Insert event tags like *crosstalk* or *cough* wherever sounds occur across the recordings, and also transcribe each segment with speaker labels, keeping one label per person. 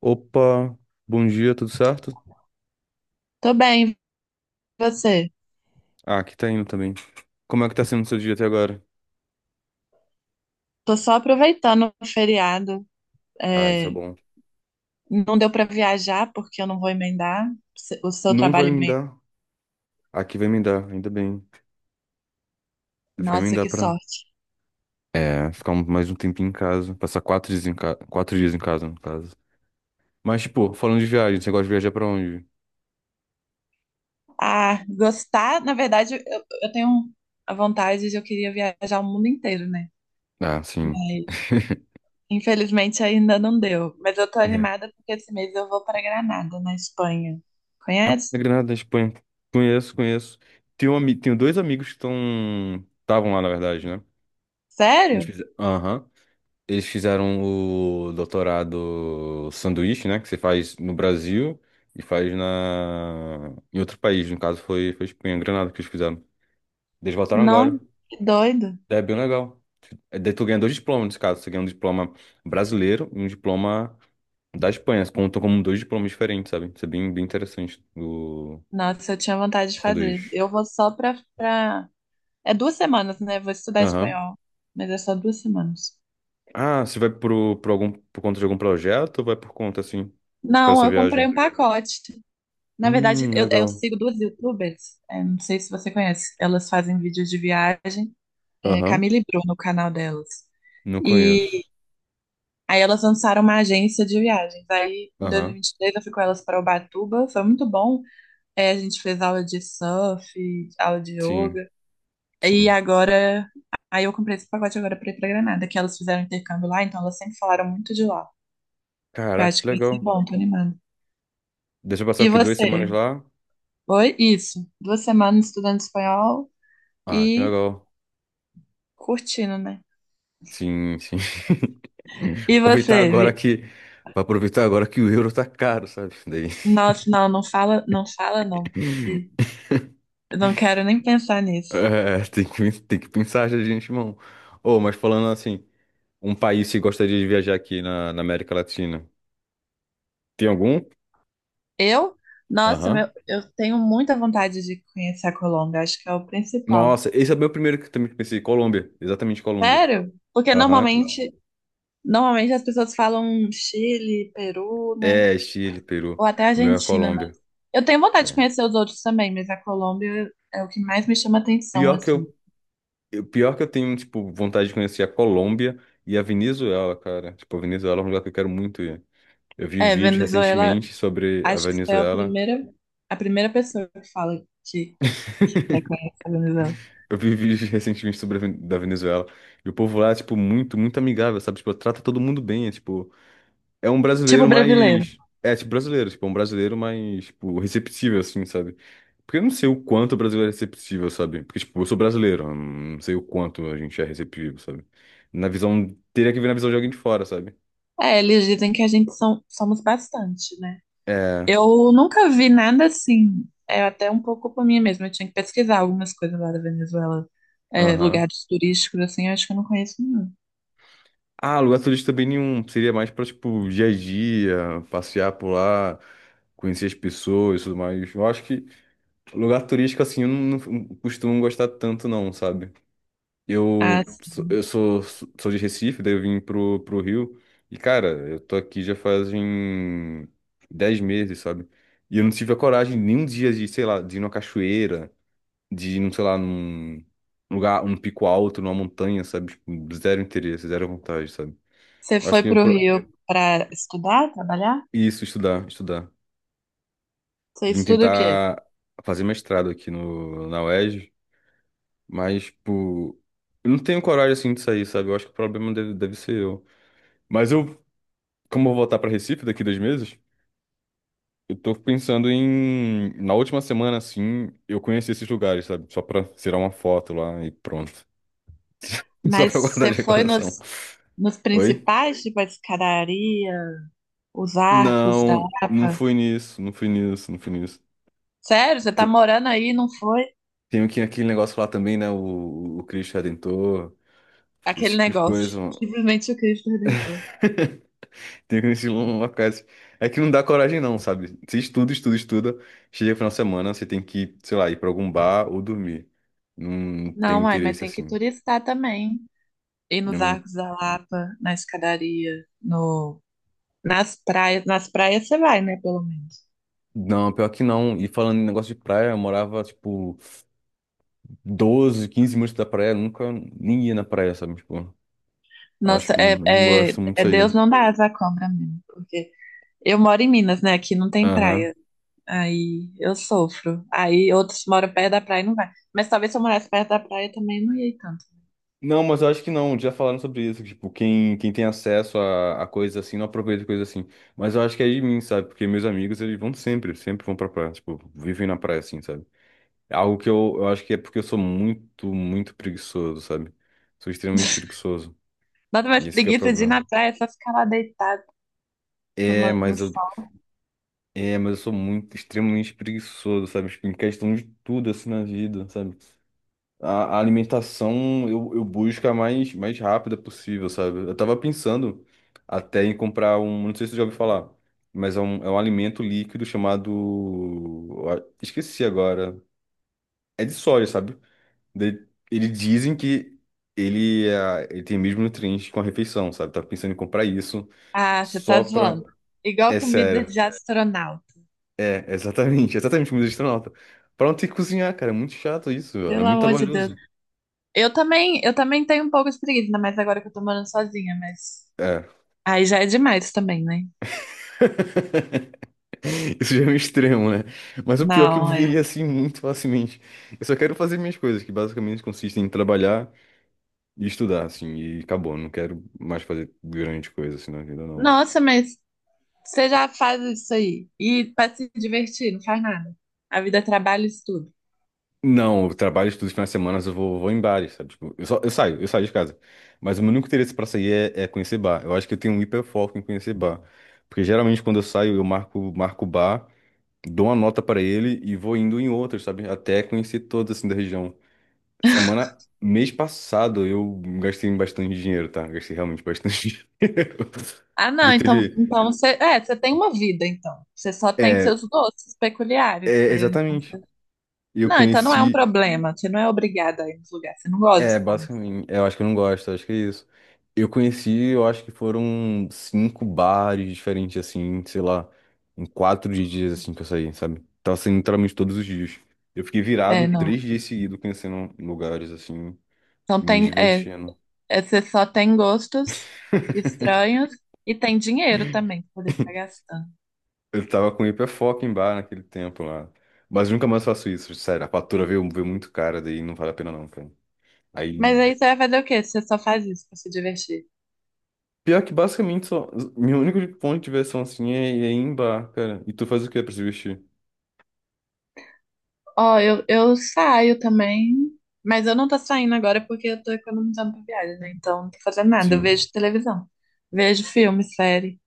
Speaker 1: Opa, bom dia, tudo certo?
Speaker 2: Tô bem, e você?
Speaker 1: Ah, aqui tá indo também. Como é que tá sendo o seu dia até agora?
Speaker 2: Tô só aproveitando o feriado.
Speaker 1: Ah, isso é
Speaker 2: É,
Speaker 1: bom.
Speaker 2: não deu pra viajar porque eu não vou emendar o seu
Speaker 1: Não vai
Speaker 2: trabalho.
Speaker 1: me
Speaker 2: Emenda.
Speaker 1: dar. Aqui vai me dar, ainda bem. Vai me
Speaker 2: Nossa,
Speaker 1: dar
Speaker 2: que
Speaker 1: pra,
Speaker 2: sorte.
Speaker 1: ficar mais um tempinho em casa. Passar 4 dias em casa, 4 dias em casa, no caso. Mas, tipo, falando de viagem, você gosta de viajar pra onde?
Speaker 2: Ah, gostar, na verdade, eu tenho a vontade de eu queria viajar o mundo inteiro, né?
Speaker 1: Ah, sim.
Speaker 2: Mas
Speaker 1: *laughs*
Speaker 2: infelizmente ainda não deu. Mas eu tô
Speaker 1: É.
Speaker 2: animada porque esse mês eu vou pra Granada, na Espanha. Conhece?
Speaker 1: Na Granada, na Espanha. Conheço, conheço. Tenho dois amigos que estão... Estavam lá, na verdade, né?
Speaker 2: Sério?
Speaker 1: Aham. Eles fizeram o doutorado sanduíche, né? Que você faz no Brasil e faz em outro país. No caso, foi Espanha, Granada que eles fizeram. Eles voltaram
Speaker 2: Não,
Speaker 1: agora.
Speaker 2: que doido.
Speaker 1: É bem legal. É, daí tu ganha dois diplomas nesse caso. Você ganha um diploma brasileiro e um diploma da Espanha. Contam como dois diplomas diferentes, sabe? Isso é bem, bem interessante o
Speaker 2: Nossa, eu tinha vontade de fazer.
Speaker 1: sanduíche.
Speaker 2: Eu vou só pra. É 2 semanas, né? Vou estudar
Speaker 1: Aham.
Speaker 2: espanhol, mas é só 2 semanas.
Speaker 1: Ah, você vai por conta de algum projeto ou vai por conta, assim, para
Speaker 2: Não,
Speaker 1: essa
Speaker 2: eu comprei
Speaker 1: viagem?
Speaker 2: um pacote. Na verdade, eu
Speaker 1: Legal.
Speaker 2: sigo duas YouTubers. É, não sei se você conhece. Elas fazem vídeos de viagem. É,
Speaker 1: Aham.
Speaker 2: Camila e Bruno, o canal delas.
Speaker 1: Não
Speaker 2: E
Speaker 1: conheço.
Speaker 2: aí elas lançaram uma agência de viagens. Aí, em
Speaker 1: Aham,
Speaker 2: 2023, eu fui com elas para Ubatuba. Foi muito bom. É, a gente fez aula de surf, aula de
Speaker 1: sim,
Speaker 2: yoga. E
Speaker 1: sim.
Speaker 2: agora, aí eu comprei esse pacote agora para ir para Granada, que elas fizeram intercâmbio lá, então elas sempre falaram muito de lá. Eu
Speaker 1: Caraca,
Speaker 2: acho
Speaker 1: que
Speaker 2: que vai ser
Speaker 1: legal.
Speaker 2: bom, tô animada.
Speaker 1: Deixa eu passar
Speaker 2: E
Speaker 1: aqui duas
Speaker 2: você?
Speaker 1: semanas lá.
Speaker 2: Oi? Isso. 2 semanas estudando espanhol
Speaker 1: Ah, que
Speaker 2: e
Speaker 1: legal.
Speaker 2: curtindo, né?
Speaker 1: Sim, sim. *laughs*
Speaker 2: E
Speaker 1: Aproveitar
Speaker 2: você?
Speaker 1: agora que. Pra aproveitar agora que o euro tá caro, sabe? Daí.
Speaker 2: Nossa, não, não fala, não fala não, porque eu não quero nem pensar nisso.
Speaker 1: É, tem que pensar já de antemão. Ô, mas falando assim, um país que gostaria de viajar aqui na América Latina. Tem algum?
Speaker 2: Eu? Nossa,
Speaker 1: Aham.
Speaker 2: meu, eu tenho muita vontade de conhecer a Colômbia, acho que é o principal.
Speaker 1: Nossa, esse é meu primeiro que eu também pensei. Colômbia, exatamente Colômbia.
Speaker 2: Sério? Porque
Speaker 1: Aham.
Speaker 2: normalmente as pessoas falam Chile, Peru, né?
Speaker 1: É, Chile, Peru.
Speaker 2: Ou até a
Speaker 1: O meu é
Speaker 2: Argentina, mas.
Speaker 1: Colômbia.
Speaker 2: Eu tenho vontade de
Speaker 1: É.
Speaker 2: conhecer os outros também, mas a Colômbia é o que mais me chama atenção,
Speaker 1: Pior que
Speaker 2: assim.
Speaker 1: eu tenho, tipo, vontade de conhecer a Colômbia e a Venezuela, cara. Tipo, a Venezuela é um lugar que eu quero muito ir. Eu vi
Speaker 2: É,
Speaker 1: vídeos
Speaker 2: Venezuela,
Speaker 1: recentemente sobre a
Speaker 2: acho que você é a
Speaker 1: Venezuela.
Speaker 2: primeira, a primeira pessoa que fala que reconhece a Venezuela.
Speaker 1: Eu vi vídeos *laughs* recentemente sobre da Venezuela. E o povo lá é, tipo, muito, muito amigável, sabe? Tipo, trata todo mundo bem. É, tipo, é um
Speaker 2: Tipo
Speaker 1: brasileiro
Speaker 2: brasileiro.
Speaker 1: mais... É, tipo, brasileiro. Tipo, é um brasileiro mais, tipo, receptível, assim, sabe? Porque eu não sei o quanto o brasileiro é receptível, sabe? Porque, tipo, eu sou brasileiro. Eu Não sei o quanto a gente é receptivo, sabe? Na visão... Teria que ver na visão de alguém de fora, sabe?
Speaker 2: É, eles dizem que a gente são, somos bastante, né?
Speaker 1: É.
Speaker 2: Eu nunca vi nada assim. É até um pouco por mim mesma. Eu tinha que pesquisar algumas coisas lá da Venezuela. É,
Speaker 1: Aham.
Speaker 2: lugares turísticos, assim, eu acho que eu não conheço nenhum.
Speaker 1: Ah, lugar turístico também nenhum. Seria mais pra, tipo, dia a dia, passear por lá, conhecer as pessoas e tudo mais. Eu acho que lugar turístico, assim, eu não costumo gostar tanto, não, sabe?
Speaker 2: Ah,
Speaker 1: Eu, sou-
Speaker 2: sim.
Speaker 1: eu sou, sou de Recife, daí eu vim pro Rio. E, cara, eu tô aqui já fazem 10 meses, sabe? E eu não tive a coragem nem um dia de, sei lá, de ir numa cachoeira, de ir, num, sei lá, num lugar, um pico alto, numa montanha, sabe? Tipo, zero interesse, zero vontade, sabe?
Speaker 2: Você
Speaker 1: Eu acho
Speaker 2: foi
Speaker 1: que
Speaker 2: pro Rio para estudar, trabalhar?
Speaker 1: isso, estudar, estudar.
Speaker 2: Você
Speaker 1: Vim
Speaker 2: estuda o quê?
Speaker 1: tentar fazer mestrado aqui no, na UERJ, mas, tipo, eu não tenho coragem, assim, de sair, sabe? Eu acho que o problema deve ser eu. Mas eu, como eu vou voltar pra Recife daqui 2 meses, eu tô pensando em, na última semana, assim, eu conhecer esses lugares, sabe? Só pra tirar uma foto lá e pronto. *laughs* Só
Speaker 2: Mas
Speaker 1: pra guardar
Speaker 2: você
Speaker 1: de
Speaker 2: foi
Speaker 1: recordação.
Speaker 2: nos
Speaker 1: Oi?
Speaker 2: principais, tipo a escadaria, os arcos da
Speaker 1: Não, não
Speaker 2: Lapa?
Speaker 1: fui nisso, não fui nisso, não fui nisso.
Speaker 2: Sério? Você tá
Speaker 1: Tem,
Speaker 2: morando aí e não foi?
Speaker 1: Tem aqui aquele negócio lá também, né? O Cristo Redentor. Esse
Speaker 2: Aquele
Speaker 1: tipo de
Speaker 2: negócio.
Speaker 1: coisa, mano.
Speaker 2: Simplesmente o Cristo Redentor.
Speaker 1: *laughs* Tem que conhecer locais. É que não dá coragem, não, sabe? Você estuda, estuda, estuda. Chega no final de semana, você tem que, sei lá, ir pra algum bar ou dormir. Não tenho
Speaker 2: Não, uai, mas
Speaker 1: interesse
Speaker 2: tem que
Speaker 1: assim.
Speaker 2: turistar também. Ir
Speaker 1: Eu
Speaker 2: nos
Speaker 1: não.
Speaker 2: arcos da Lapa, na escadaria, no, nas praias. Nas praias você vai, né, pelo menos.
Speaker 1: Não, pior que não. E falando em negócio de praia, eu morava, tipo, 12 15 minutos da praia. Nunca nem ia na praia, sabe? Tipo, eu acho
Speaker 2: Nossa,
Speaker 1: que não gosto muito disso
Speaker 2: Deus
Speaker 1: aí.
Speaker 2: não dá asa à cobra mesmo, porque eu moro em Minas, né? Aqui não tem
Speaker 1: Aham.
Speaker 2: praia. Aí eu sofro. Aí outros moram perto da praia e não vai. Mas talvez se eu morasse perto da praia também não ia ir tanto.
Speaker 1: Não, mas eu acho que não, já falaram sobre isso, que, tipo, quem tem acesso a coisas assim, não aproveita coisas assim. Mas eu acho que é de mim, sabe? Porque meus amigos, eles vão sempre, sempre vão pra praia, tipo, vivem na praia, assim, sabe? É algo que eu acho que é porque eu sou muito, muito preguiçoso, sabe? Sou extremamente
Speaker 2: *laughs*
Speaker 1: preguiçoso,
Speaker 2: Nada mais
Speaker 1: e esse que é o
Speaker 2: preguiça de ir
Speaker 1: problema.
Speaker 2: na praia, é só ficar lá deitado,
Speaker 1: É,
Speaker 2: tomando.
Speaker 1: mas eu, mas eu sou muito, extremamente preguiçoso, sabe? Tipo, em questão de tudo, assim, na vida, sabe? A alimentação eu busco a mais rápida possível, sabe? Eu tava pensando até em comprar um, não sei se você já ouviu falar, mas é um alimento líquido chamado. Esqueci agora. É de soja, sabe? Eles dizem que ele tem mesmo nutrientes com a refeição, sabe? Tava pensando em comprar isso
Speaker 2: Ah, você tá
Speaker 1: só pra.
Speaker 2: zoando. Igual
Speaker 1: É
Speaker 2: comida
Speaker 1: sério.
Speaker 2: de astronauta.
Speaker 1: É, exatamente, exatamente como de astronauta. Pra não ter que cozinhar, cara. É muito chato isso, velho. É
Speaker 2: Pelo
Speaker 1: muito
Speaker 2: amor de Deus.
Speaker 1: trabalhoso.
Speaker 2: Eu também tenho um pouco de preguiça, ainda mais agora que eu tô morando sozinha, mas
Speaker 1: É.
Speaker 2: aí já é demais também, né?
Speaker 1: *laughs* Isso já é um extremo, né? Mas o pior é que eu
Speaker 2: Não,
Speaker 1: viveria
Speaker 2: é.
Speaker 1: assim muito facilmente. Eu só quero fazer minhas coisas, que basicamente consistem em trabalhar e estudar, assim, e acabou. Não quero mais fazer grande coisa assim na vida, não.
Speaker 2: Nossa, mas você já faz isso aí. E pra se divertir, não faz nada. A vida é trabalho e estudo.
Speaker 1: Não, eu trabalho, estudo os finais de semana, eu vou em bares, sabe? Tipo, eu, só, eu saio de casa. Mas o meu único interesse pra sair é conhecer bar. Eu acho que eu tenho um hiperfoco em conhecer bar. Porque geralmente quando eu saio, eu marco bar, dou uma nota pra ele e vou indo em outros, sabe? Até conhecer todos, assim, da região. Mês passado eu gastei bastante dinheiro, tá? Gastei realmente bastante *laughs* dinheiro.
Speaker 2: Ah,
Speaker 1: Porque
Speaker 2: não, então,
Speaker 1: teve.
Speaker 2: então você, você tem uma vida, então. Você só tem
Speaker 1: É,
Speaker 2: seus doces peculiares,
Speaker 1: É,
Speaker 2: mas então
Speaker 1: exatamente. E eu
Speaker 2: Não, então não é um
Speaker 1: conheci.
Speaker 2: problema. Você não é obrigada a ir nos lugares. Você não
Speaker 1: É,
Speaker 2: gosta, pelo menos.
Speaker 1: basicamente. Eu acho que eu não gosto, eu acho que é isso. Eu conheci, eu acho que foram cinco bares diferentes, assim, sei lá, em 4 dias, assim, que eu saí, sabe? Tava saindo literalmente todos os dias. Eu fiquei virado
Speaker 2: É, não.
Speaker 1: 3 dias seguidos, conhecendo lugares, assim,
Speaker 2: Então
Speaker 1: e me
Speaker 2: tem,
Speaker 1: divertindo.
Speaker 2: você só tem gostos estranhos e tem dinheiro também pra poder ficar gastando.
Speaker 1: Eu tava com hiperfoco em bar naquele tempo lá. Mas nunca mais faço isso, sério. A fatura veio muito cara, daí não vale a pena não, cara. Aí.
Speaker 2: Mas aí você vai fazer o quê? Você só faz isso pra se divertir.
Speaker 1: Pior que basicamente só. Meu único ponto de diversão assim é ir em bar, cara. E tu faz o quê pra se vestir?
Speaker 2: Ó, eu saio também, mas eu não tô saindo agora porque eu tô economizando pra viagem, né? Então não tô fazendo nada. Eu
Speaker 1: Sim.
Speaker 2: vejo televisão, vejo filme, série.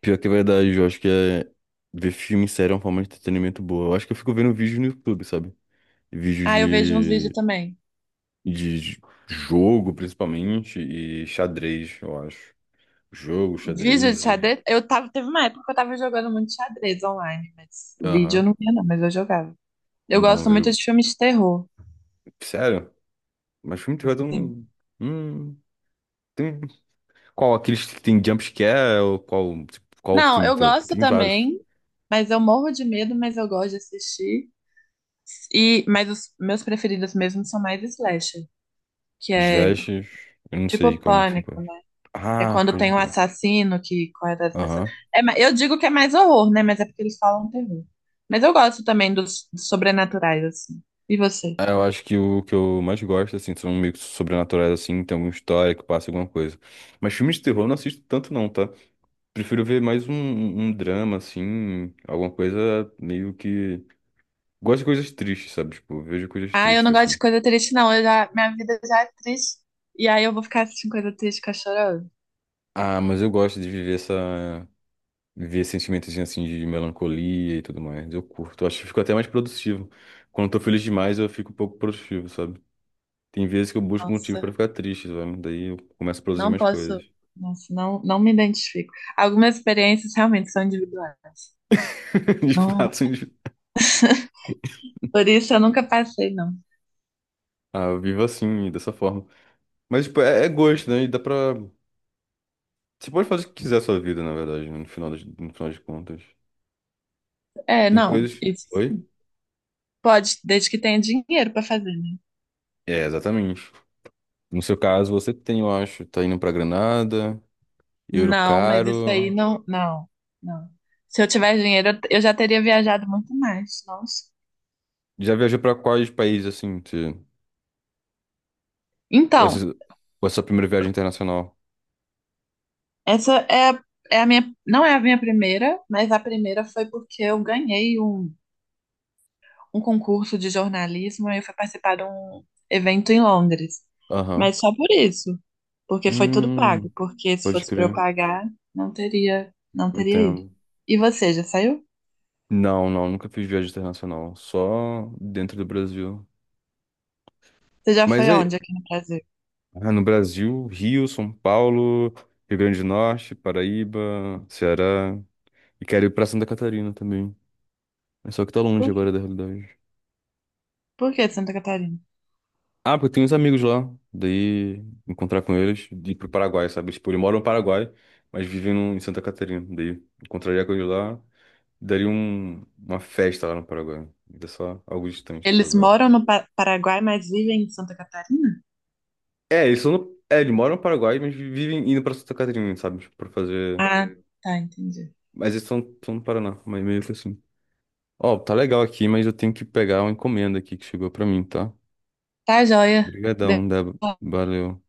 Speaker 1: Pior que é verdade, eu acho que é... ver filme e série é uma forma de entretenimento boa. Eu acho que eu fico vendo vídeo no YouTube, sabe? Vídeos
Speaker 2: Ah, eu vejo uns vídeos
Speaker 1: de...
Speaker 2: também.
Speaker 1: de j- Jogo, principalmente, e xadrez, eu acho. Jogo,
Speaker 2: Vídeo de
Speaker 1: xadrez e.
Speaker 2: xadrez? Eu tava, teve uma época que eu tava jogando muito xadrez online, mas vídeo eu
Speaker 1: Aham.
Speaker 2: não via, não, mas eu jogava. Eu
Speaker 1: Não,
Speaker 2: gosto muito
Speaker 1: vejo.
Speaker 2: de filmes de terror.
Speaker 1: Sério? Mas filme de terror tem
Speaker 2: Sim.
Speaker 1: um. Hum, tem. Qual? Aqueles que tem jumpscare? Ou qual, tipo, qual
Speaker 2: Não,
Speaker 1: filme de
Speaker 2: eu
Speaker 1: terror? Porque
Speaker 2: gosto
Speaker 1: tem vários.
Speaker 2: também, mas eu morro de medo, mas eu gosto de assistir. E, mas os meus preferidos mesmo são mais slasher, que é
Speaker 1: Slashers. Eu não
Speaker 2: tipo
Speaker 1: sei como que se
Speaker 2: pânico,
Speaker 1: faz.
Speaker 2: né? Que é
Speaker 1: Ah,
Speaker 2: quando tem
Speaker 1: pode
Speaker 2: um
Speaker 1: crer.
Speaker 2: assassino que corre atrás das pessoas.
Speaker 1: Aham.
Speaker 2: É, eu digo que é mais horror, né? Mas é porque eles falam terror. Mas eu gosto também dos sobrenaturais, assim. E você?
Speaker 1: É, eu acho que o que eu mais gosto, assim, são meio que sobrenaturais, assim, tem alguma história que passa alguma coisa. Mas filmes de terror eu não assisto tanto, não, tá? Prefiro ver mais um drama, assim, alguma coisa meio que. Gosto de coisas tristes, sabe? Tipo, vejo coisas
Speaker 2: Ah, eu
Speaker 1: tristes,
Speaker 2: não gosto de
Speaker 1: assim.
Speaker 2: coisa triste, não. Eu já, minha vida já é triste. E aí eu vou ficar assistindo coisa triste, ficar chorando.
Speaker 1: Ah, mas eu gosto de viver essa. Ver sentimentos assim de melancolia e tudo mais. Eu curto, eu acho que fico até mais produtivo. Quando eu tô feliz demais, eu fico um pouco produtivo, sabe? Tem vezes que eu busco motivo pra
Speaker 2: Nossa,
Speaker 1: ficar triste, sabe? Daí eu começo a produzir
Speaker 2: não
Speaker 1: mais
Speaker 2: posso.
Speaker 1: coisas.
Speaker 2: Nossa, não, não me identifico. Algumas experiências realmente são individuais.
Speaker 1: *laughs* De
Speaker 2: Não,
Speaker 1: fato, sim. de-
Speaker 2: por isso eu nunca passei, não.
Speaker 1: ah, eu vivo assim, dessa forma. Mas, tipo, é gosto, né? E dá pra. Você pode fazer o que quiser a sua vida, na verdade, né? No final de contas.
Speaker 2: É,
Speaker 1: Tem
Speaker 2: não.
Speaker 1: coisas.
Speaker 2: Isso
Speaker 1: Oi?
Speaker 2: pode, desde que tenha dinheiro para fazer, né?
Speaker 1: É, exatamente. No seu caso, você tem, eu acho, tá indo pra Granada, euro
Speaker 2: Não, mas isso aí
Speaker 1: caro.
Speaker 2: não, não, não. Se eu tivesse dinheiro, eu já teria viajado muito mais. Nossa.
Speaker 1: Já viajou pra quais países, assim? Ou esse-
Speaker 2: Então.
Speaker 1: ou essa primeira viagem internacional?
Speaker 2: Essa é, é a minha, não é a minha primeira, mas a primeira foi porque eu ganhei um concurso de jornalismo e eu fui participar de um evento em Londres.
Speaker 1: Aham.
Speaker 2: Mas só por isso, porque foi tudo pago,
Speaker 1: Hum,
Speaker 2: porque se
Speaker 1: pode
Speaker 2: fosse para eu
Speaker 1: crer.
Speaker 2: pagar, não teria ido.
Speaker 1: Entendo.
Speaker 2: E você, já saiu?
Speaker 1: Não, não, nunca fiz viagem internacional. Só dentro do Brasil.
Speaker 2: Você já
Speaker 1: Mas
Speaker 2: foi aonde aqui no Brasil?
Speaker 1: no Brasil, Rio, São Paulo, Rio Grande do Norte, Paraíba, Ceará. E quero ir pra Santa Catarina também. É só que tá longe
Speaker 2: Por,
Speaker 1: agora da realidade.
Speaker 2: por que Santa Catarina?
Speaker 1: Ah, porque eu tenho uns amigos lá. Daí encontrar com eles e ir pro Paraguai, sabe? Tipo, eles moram no Paraguai, mas vivem em Santa Catarina. Daí encontraria com eles lá. Daria uma festa lá no Paraguai. Ainda só algo distante por
Speaker 2: Eles
Speaker 1: agora.
Speaker 2: moram no Paraguai, mas vivem em Santa Catarina?
Speaker 1: É, eles moram no Paraguai, mas vivem indo pra Santa Catarina, sabe? Tipo, pra fazer.
Speaker 2: Ah, tá, entendi.
Speaker 1: Mas eles estão no Paraná, mas meio que assim. Ó, tá legal aqui, mas eu tenho que pegar uma encomenda aqui que chegou pra mim, tá?
Speaker 2: Tá, joia.
Speaker 1: Obrigadão, Débora. Valeu.